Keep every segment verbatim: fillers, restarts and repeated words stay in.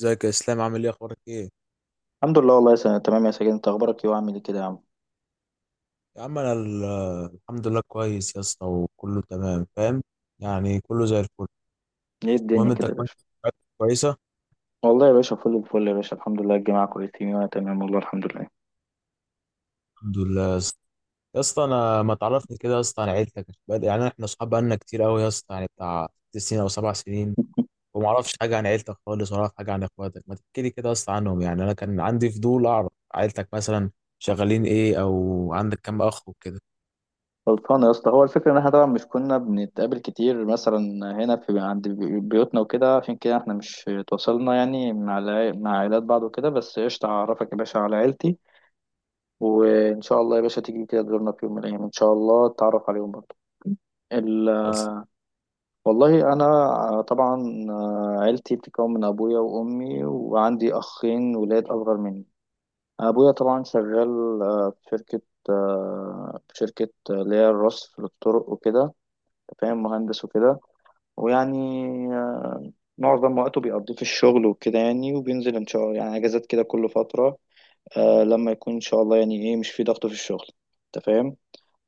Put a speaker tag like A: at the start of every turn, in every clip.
A: ازيك يا اسلام، عامل ايه، اخبارك ايه؟
B: الحمد لله، والله يا سنة تمام يا سجين، انت اخبارك ايه وعامل ايه كده يا عم؟
A: يا عم انا ال- الحمد لله كويس يا اسطى، وكله تمام فاهم. يعني كله زي الفل.
B: ايه الدنيا
A: المهم انت
B: كده يا
A: كويس؟
B: باشا؟
A: عيلتك كويسه؟
B: والله يا باشا فل الفل يا باشا، الحمد لله الجماعة كويسين وانا تمام والله الحمد لله.
A: الحمد لله يا اسطى. يا اسطى انا ما تعرفني كده يا اسطى عن عيلتك. بقى- يعني احنا اصحاب بقالنا كتير قوي يا اسطى، يعني بتاع ست سنين او سبع سنين. وما اعرفش حاجه عن عيلتك خالص، ولا اعرف حاجه عن اخواتك. ما تحكي لي كده يا اسطى عنهم، يعني انا كان عندي فضول اعرف عيلتك مثلا، شغالين ايه، او عندك كام اخ وكده؟
B: غلطان يا اسطى، هو الفكرة ان احنا طبعا مش كنا بنتقابل كتير مثلا هنا في عند بي- بيوتنا وكده، عشان كده احنا مش تواصلنا يعني مع الع- مع عائلات بعض وكده، بس قشطة هعرفك يا باشا على عيلتي، وان شاء الله يا باشا تيجي كده تزورنا في يوم من الايام ان شاء الله تتعرف عليهم برضه.
A: خلاص
B: والله انا طبعا، آه، عيلتي بتتكون من ابويا وامي وعندي اخين ولاد اصغر مني. ابويا طبعا شغال، آه، في شركه، آه، في شركه آه، اللي هي الرصف للطرق وكده. أنت فاهم، مهندس وكده. ويعني آه، معظم وقته بيقضيه في الشغل وكده يعني، وبينزل ان شاء الله يعني اجازات كده كل فتره، آه، لما يكون ان شاء الله يعني ايه مش في ضغط في الشغل. انت فاهم.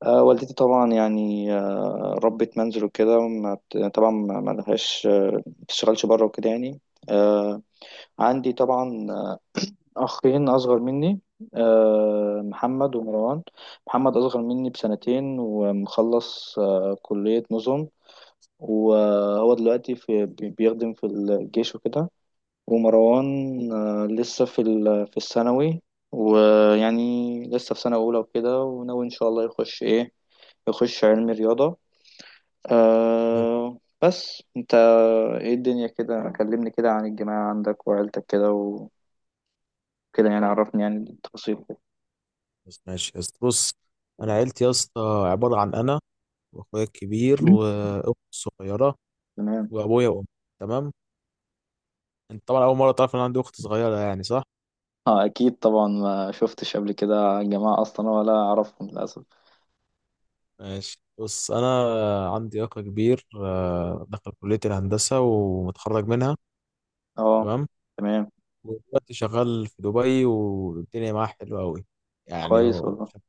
B: آه، والدتي طبعا يعني آه، ربة منزل وكده، ما بت- طبعا ما ما لهاش، آه، ما بتشتغلش بره وكده يعني. آه، عندي طبعا أخين أصغر مني، آه، محمد ومروان. محمد أصغر مني بسنتين، ومخلص آه، كلية نظم، وهو دلوقتي في بي- بيخدم في الجيش وكده. ومروان آه، لسه في ال- في الثانوي، ويعني لسه في سنة أولى وكده، وناوي إن شاء الله يخش إيه، يخش علم رياضة. أه بس انت، ايه الدنيا كده؟ كلمني كده عن الجماعة عندك وعيلتك كده وكده، يعني عرفني يعني التفاصيل كده.
A: خلاص، ماشي يا اسطى، بص. انا عيلتي يا اسطى عباره عن انا، واخويا الكبير واختي الصغيره،
B: تمام.
A: وابويا وامي. تمام. انت طبعا اول مره تعرف ان أنا عندي اخت صغيره، يعني صح؟
B: اه اكيد طبعا، ما شفتش قبل كده الجماعة اصلا ولا اعرفهم للاسف.
A: ماشي، بص، انا عندي اخ كبير، آه، دخل كليه الهندسه ومتخرج منها.
B: اه.
A: تمام.
B: تمام.
A: ودلوقتي شغال في دبي والدنيا معاه حلوه قوي. يعني
B: كويس
A: هو
B: والله.
A: شغال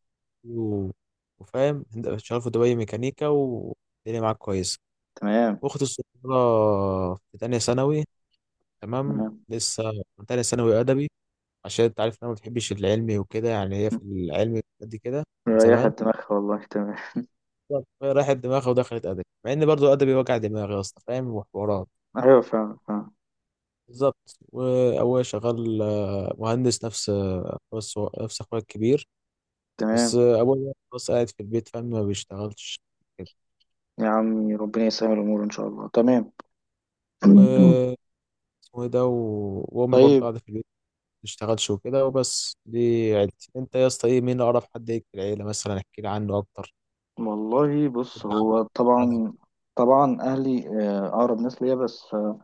A: و- وفاهم هند- شغال في دبي ميكانيكا والدنيا معاه كويسه.
B: تمام.
A: اختي الصغيره في تانية ثانوي، تمام
B: تمام.
A: لسه، من تانية ثانوي ادبي. عشان انت عارف ان انا ما بتحبش العلمي وكده، يعني هي في العلمي قد كده، من
B: مريحة
A: زمان.
B: دماغها والله، تمام.
A: فهي راحت دماغها ودخلت ادبي، مع ان برضو ادبي وجع دماغي يا اسطى، فاهم، وحوارات.
B: ايوه فعلا فعلا.
A: بالظبط. وابويا شغال آه، مهندس نفس آه، نفس نفس اخويا الكبير. بس
B: تمام.
A: آه، ابويا بس قاعد في البيت فاهم، ما بيشتغلش كده.
B: يا عمي ربنا يسهل الامور ان شاء الله، تمام.
A: و اسمه ايه ده و- وامي برضو
B: طيب.
A: قاعده في البيت ما بتشتغلش وكده، وبس دي عيلتي. انت يا اسطى ايه، مين اقرب حد ليك في العيله مثلا، احكي لي عنه اكتر،
B: والله بص،
A: ابن
B: هو
A: عمك، خالك.
B: طبعا، طبعا اهلي آه، اقرب ناس ليا، بس آه،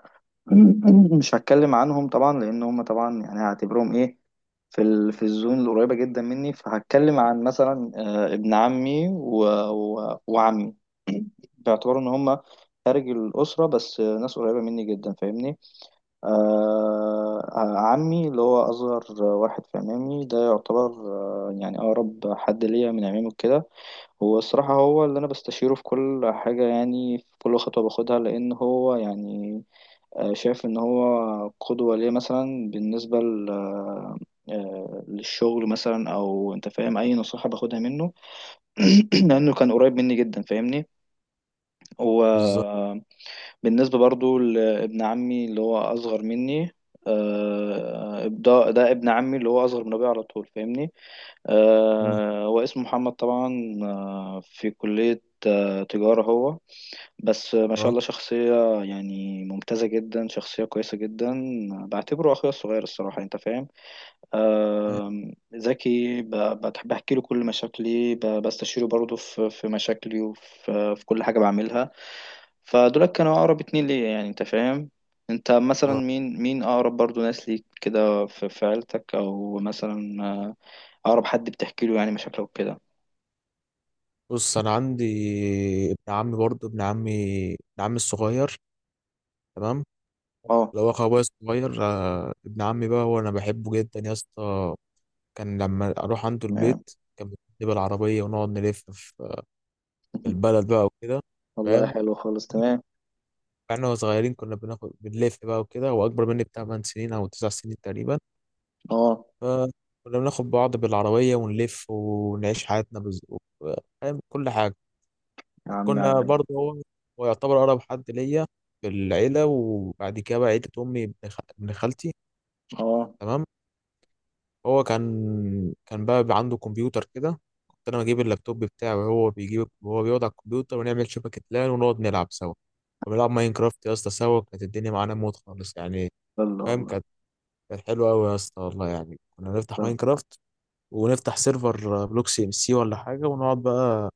B: مش هتكلم عنهم طبعا لان هم طبعا يعني هعتبرهم ايه، في ال... في الزون القريبه جدا مني، فهتكلم عن مثلا آه، ابن عمي و... و... وعمي، باعتبار ان هم خارج الاسره، بس آه، ناس قريبه مني جدا فاهمني. آه... آه، عمي اللي هو اصغر واحد في عمامي ده يعتبر آه، يعني اقرب حد ليا من عمامي وكده. هو الصراحة هو اللي أنا بستشيره في كل حاجة، يعني في كل خطوة باخدها، لأن هو يعني آه، شايف إن هو قدوة ليه مثلا، بالنسبة ل- آه، آه، للشغل مثلا، أو أنت فاهم أي نصيحة باخدها منه. لأنه كان قريب مني جدا فاهمني هو.
A: بالظبط.
B: بالنسبة برضو لابن عمي اللي هو أصغر مني، آه، ده ده ابن عمي اللي هو أصغر من أبويا على طول فاهمني.
A: مم.
B: آه، هو اسمه محمد طبعا، آه، في كلية آه، تجارة هو، بس آه، ما شاء
A: اه.
B: الله شخصية يعني ممتازة جدا، شخصية كويسة جدا. بعتبره أخويا الصغير الصراحة، أنت فاهم. آم، ذكي، ب- بحب احكي له كل مشاكلي، ب- بستشيره برضه في في مشاكلي، وفي في كل حاجه بعملها. فدول كانوا اقرب اتنين ليا يعني، انت فاهم. انت مثلا
A: آه.
B: مين مين اقرب برضه ناس ليك كده في في عيلتك، او مثلا آه، اقرب حد بتحكي له يعني مشاكلك وكده.
A: بص انا عندي ابن عمي برضه، ابن عمي ابن عمي الصغير. تمام.
B: اه.
A: اللي هو اخو ابويا الصغير، آه، ابن عمي بقى هو انا بحبه جدا يا اسطى. كان لما اروح عنده البيت،
B: تمام.
A: كان بيجيب بالعربيه ونقعد نلف في في البلد بقى وكده،
B: والله
A: فاهم.
B: حلو خالص، تمام.
A: احنا وإحنا صغيرين كنا بناخد بنلف بقى وكده، هو اكبر مني بتاع 8 سنين او 9 سنين تقريبا.
B: اه
A: فكنا بناخد بعض بالعربيه ونلف ونعيش حياتنا بز... فاهم كل حاجه.
B: يا عم
A: وكنا
B: علي.
A: برضه، هو هو يعتبر أقرب حد ليا في العيلة. وبعد كده بقى عيلة أمي، ابن خ- ابن خالتي،
B: اه
A: تمام. هو كان كان بقى بيبقى عنده كمبيوتر كده، كنت أنا بجيب اللابتوب بتاعه وهو بيجيب وهو بيقعد على الكمبيوتر، ونعمل شبكة لان ونقعد نلعب سوا. كنا بنلعب ماينكرافت يا اسطى سوا، كانت الدنيا معانا موت خالص يعني،
B: يلا
A: فاهم.
B: والله.
A: كانت كانت حلوة أوي يا اسطى والله، يعني كنا نفتح
B: يلا.
A: ماينكرافت، ونفتح سيرفر بلوك سي ام سي ولا حاجة، ونقعد بقى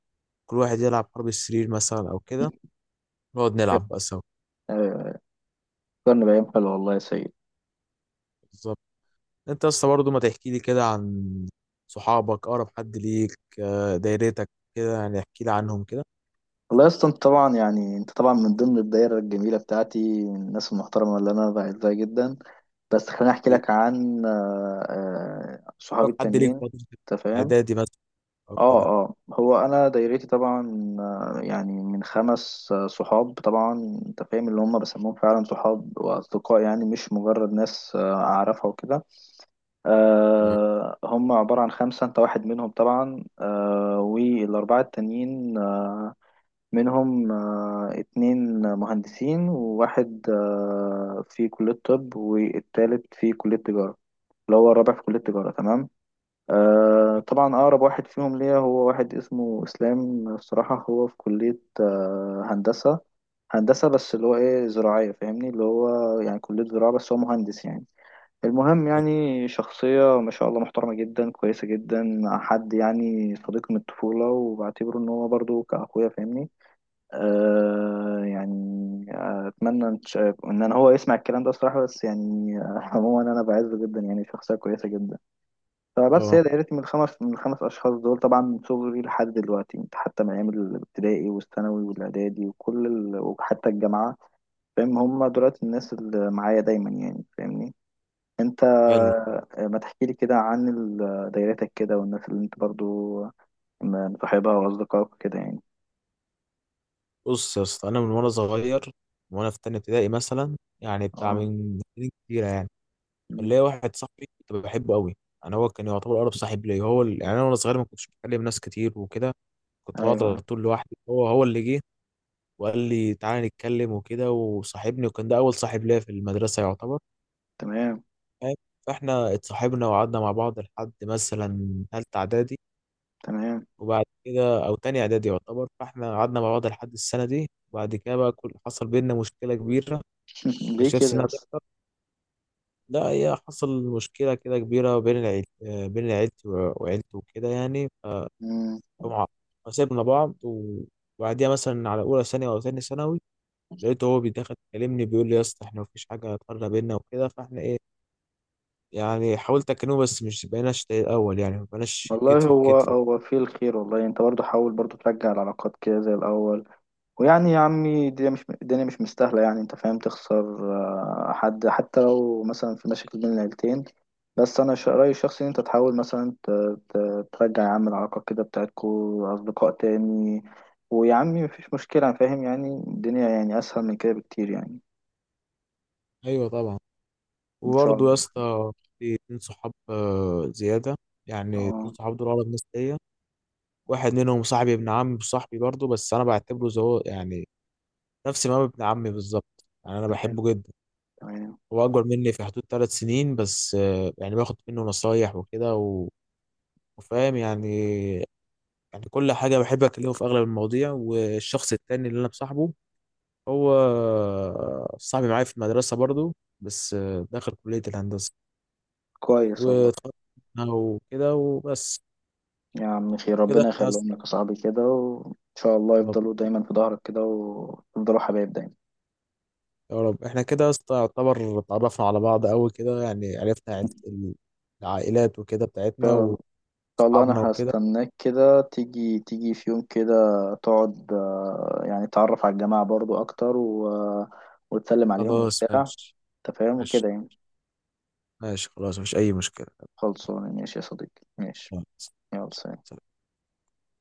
A: كل واحد يلعب حرب السرير مثلا أو كده، نقعد نلعب بقى
B: ايوه أيوة. فكرني بايام حلوه والله يا سيد.
A: سوا. انت يا اسطى برضه، ما تحكي لي كده عن صحابك، اقرب حد ليك، آه، دايرتك كده، يعني احكي لي عنهم كده،
B: والله يا اسطى، انت طبعا يعني انت طبعا من ضمن الدايره الجميله بتاعتي من الناس المحترمه اللي انا بعزها جدا، بس خليني احكي لك عن آه، آه، صحابي
A: اقرب حد ليك
B: التانيين.
A: في فترة
B: انت فاهم.
A: اعدادي مثلا او
B: اه
A: كده.
B: اه هو انا دايرتي طبعا آه، يعني من خمس آه، صحاب طبعا. انت فاهم، اللي هم بسموهم فعلا صحاب واصدقاء، يعني مش مجرد ناس آه، اعرفها وكده.
A: تمام.
B: آه، هم عباره عن خمسه، انت واحد منهم طبعا، آه، والاربعه التانيين آه، منهم آه، اتنين مهندسين، وواحد آه، في كلية طب، والتالت في كلية تجارة، اللي هو الرابع في كلية تجارة. تمام. آه، طبعا أقرب واحد فيهم ليا هو واحد اسمه إسلام، الصراحة هو في كلية آه، هندسة هندسة بس اللي هو إيه، زراعية فاهمني، اللي هو يعني كلية زراعة، بس هو مهندس يعني. المهم يعني شخصية ما شاء الله محترمة جدا كويسة جدا، حد يعني صديق من الطفولة، وبعتبره إن هو برضه كأخويا فاهمني. آه يعني، آه، اتمنى ان ش- إن انا هو يسمع الكلام ده الصراحه، بس يعني آه، عموما انا بعزه جدا يعني، شخصيه كويسه جدا. فبس
A: اه.
B: هي دايرتي من الخمس من الخمس اشخاص دول طبعا، من صغري لحد دلوقتي حتى من ايام الابتدائي والثانوي والاعدادي وكل ال... وحتى الجامعه. فاهم، هم دلوقتي الناس اللي معايا دايما يعني فاهمني. انت
A: حلو.
B: آه، ما تحكي لي كده عن ال- دايرتك كده، والناس اللي انت برضو مصاحبها واصدقائك كده يعني.
A: بص يا اسطى، انا من وانا صغير، من وانا في تانية ابتدائي مثلا، يعني بتاع
B: اه.
A: من سنين كتيرة يعني،
B: أمم.
A: اللي واحد صاحبي كنت بحبه قوي. يعني هو كان يعتبر اقرب صاحب ليا. هو ال- يعني انا وانا صغير ما كنتش بكلم ناس كتير وكده، كنت بقعد على
B: ايوه.
A: طول لوحدي. هو هو اللي جه وقال لي تعالى نتكلم وكده، وصاحبني، وكان ده اول صاحب ليا في المدرسه يعتبر،
B: تمام.
A: فاهم؟ فاحنا اتصاحبنا وقعدنا مع بعض لحد مثلا تالتة اعدادي،
B: تمام.
A: وبعد كده او تاني اعدادي يعتبر، فاحنا قعدنا مع بعض لحد السنه دي. وبعد كده بقى كل حصل بينا مشكله كبيره،
B: ليه
A: مكنتش نفسي
B: كده
A: انها
B: بس؟
A: تحصل. لا، هي حصل مشكله كده كبيره بين العيل آه، بين عيلتي و- وعيلته وكده، يعني ف-
B: مم.
A: فمع- فسيبنا بعض، وبعديها مثلا على اولى ثانوي او تاني ثانوي، لقيته هو بيدخل يكلمني بيقول لي يا اسطى احنا مفيش حاجه هتقرب بينا وكده، فاحنا ايه، يعني حاولت اكلمه بس مش بقيناش زي الاول، يعني ما بقيناش كتف
B: والله
A: في
B: هو
A: كتف.
B: هو فيه الخير، والله انت برضه حاول برضه ترجع العلاقات كده زي الاول. ويعني يا عمي الدنيا مش، الدنيا مش مستاهله يعني انت فاهم تخسر آه، حد، حتى لو مثلا في مشاكل بين العيلتين. بس انا ش- رايي الشخصي ان انت تحاول مثلا ت- ت- ترجع يا عم العلاقات كده بتاعتكو اصدقاء تاني. ويا عمي مفيش مشكله، أنا فاهم يعني، الدنيا يعني اسهل من كده بكتير يعني.
A: ايوه طبعا.
B: ان شاء
A: وبرضه
B: الله.
A: يا اسطى، في اتنين صحاب آه، زياده. يعني اتنين
B: اه.
A: صحاب دول اقرب ناس ليا. واحد منهم صاحبي ابن عمي، صاحبي برضه بس انا بعتبره زي هو يعني، نفس ما هو ابن عمي بالظبط، يعني انا
B: تمام.
A: بحبه جدا.
B: تمام.
A: هو اكبر مني في حدود ثلاث سنين بس، آه، يعني باخد منه نصايح وكده و- وفاهم يعني. يعني كل حاجة بحب أكلمه في أغلب المواضيع. والشخص التاني اللي أنا مصاحبه، هو صاحبي معايا في المدرسة برضو، بس داخل كلية الهندسة،
B: كويس والله.
A: واتخرجنا وكده وبس.
B: يا عم خير،
A: كده
B: ربنا
A: احنا يا
B: يخليهم لك
A: اسطى-
B: يا صاحبي كده، وإن شاء الله
A: يا رب،
B: يفضلوا دايما في ظهرك كده، ويفضلوا حبايب دايما إن
A: يا رب احنا كده يا اسطى يعتبر اتعرفنا على بعض أوي كده، يعني عرفنا عيلة- العائلات وكده بتاعتنا،
B: شاء إن شاء الله.
A: وأصحابنا
B: أنا
A: وكده.
B: هستناك كده تيجي تيجي في يوم كده، تقعد آه، يعني تعرف على الجماعة برضو أكتر و... وتسلم عليهم
A: خلاص
B: وبتاع.
A: ماشي،
B: أنت فاهم
A: ماشي،
B: وكده يعني.
A: ماشي خلاص، مفيش أي مشكلة.
B: خلصانة ماشي يا صديقي، ماشي. يلا سلام.
A: سلام.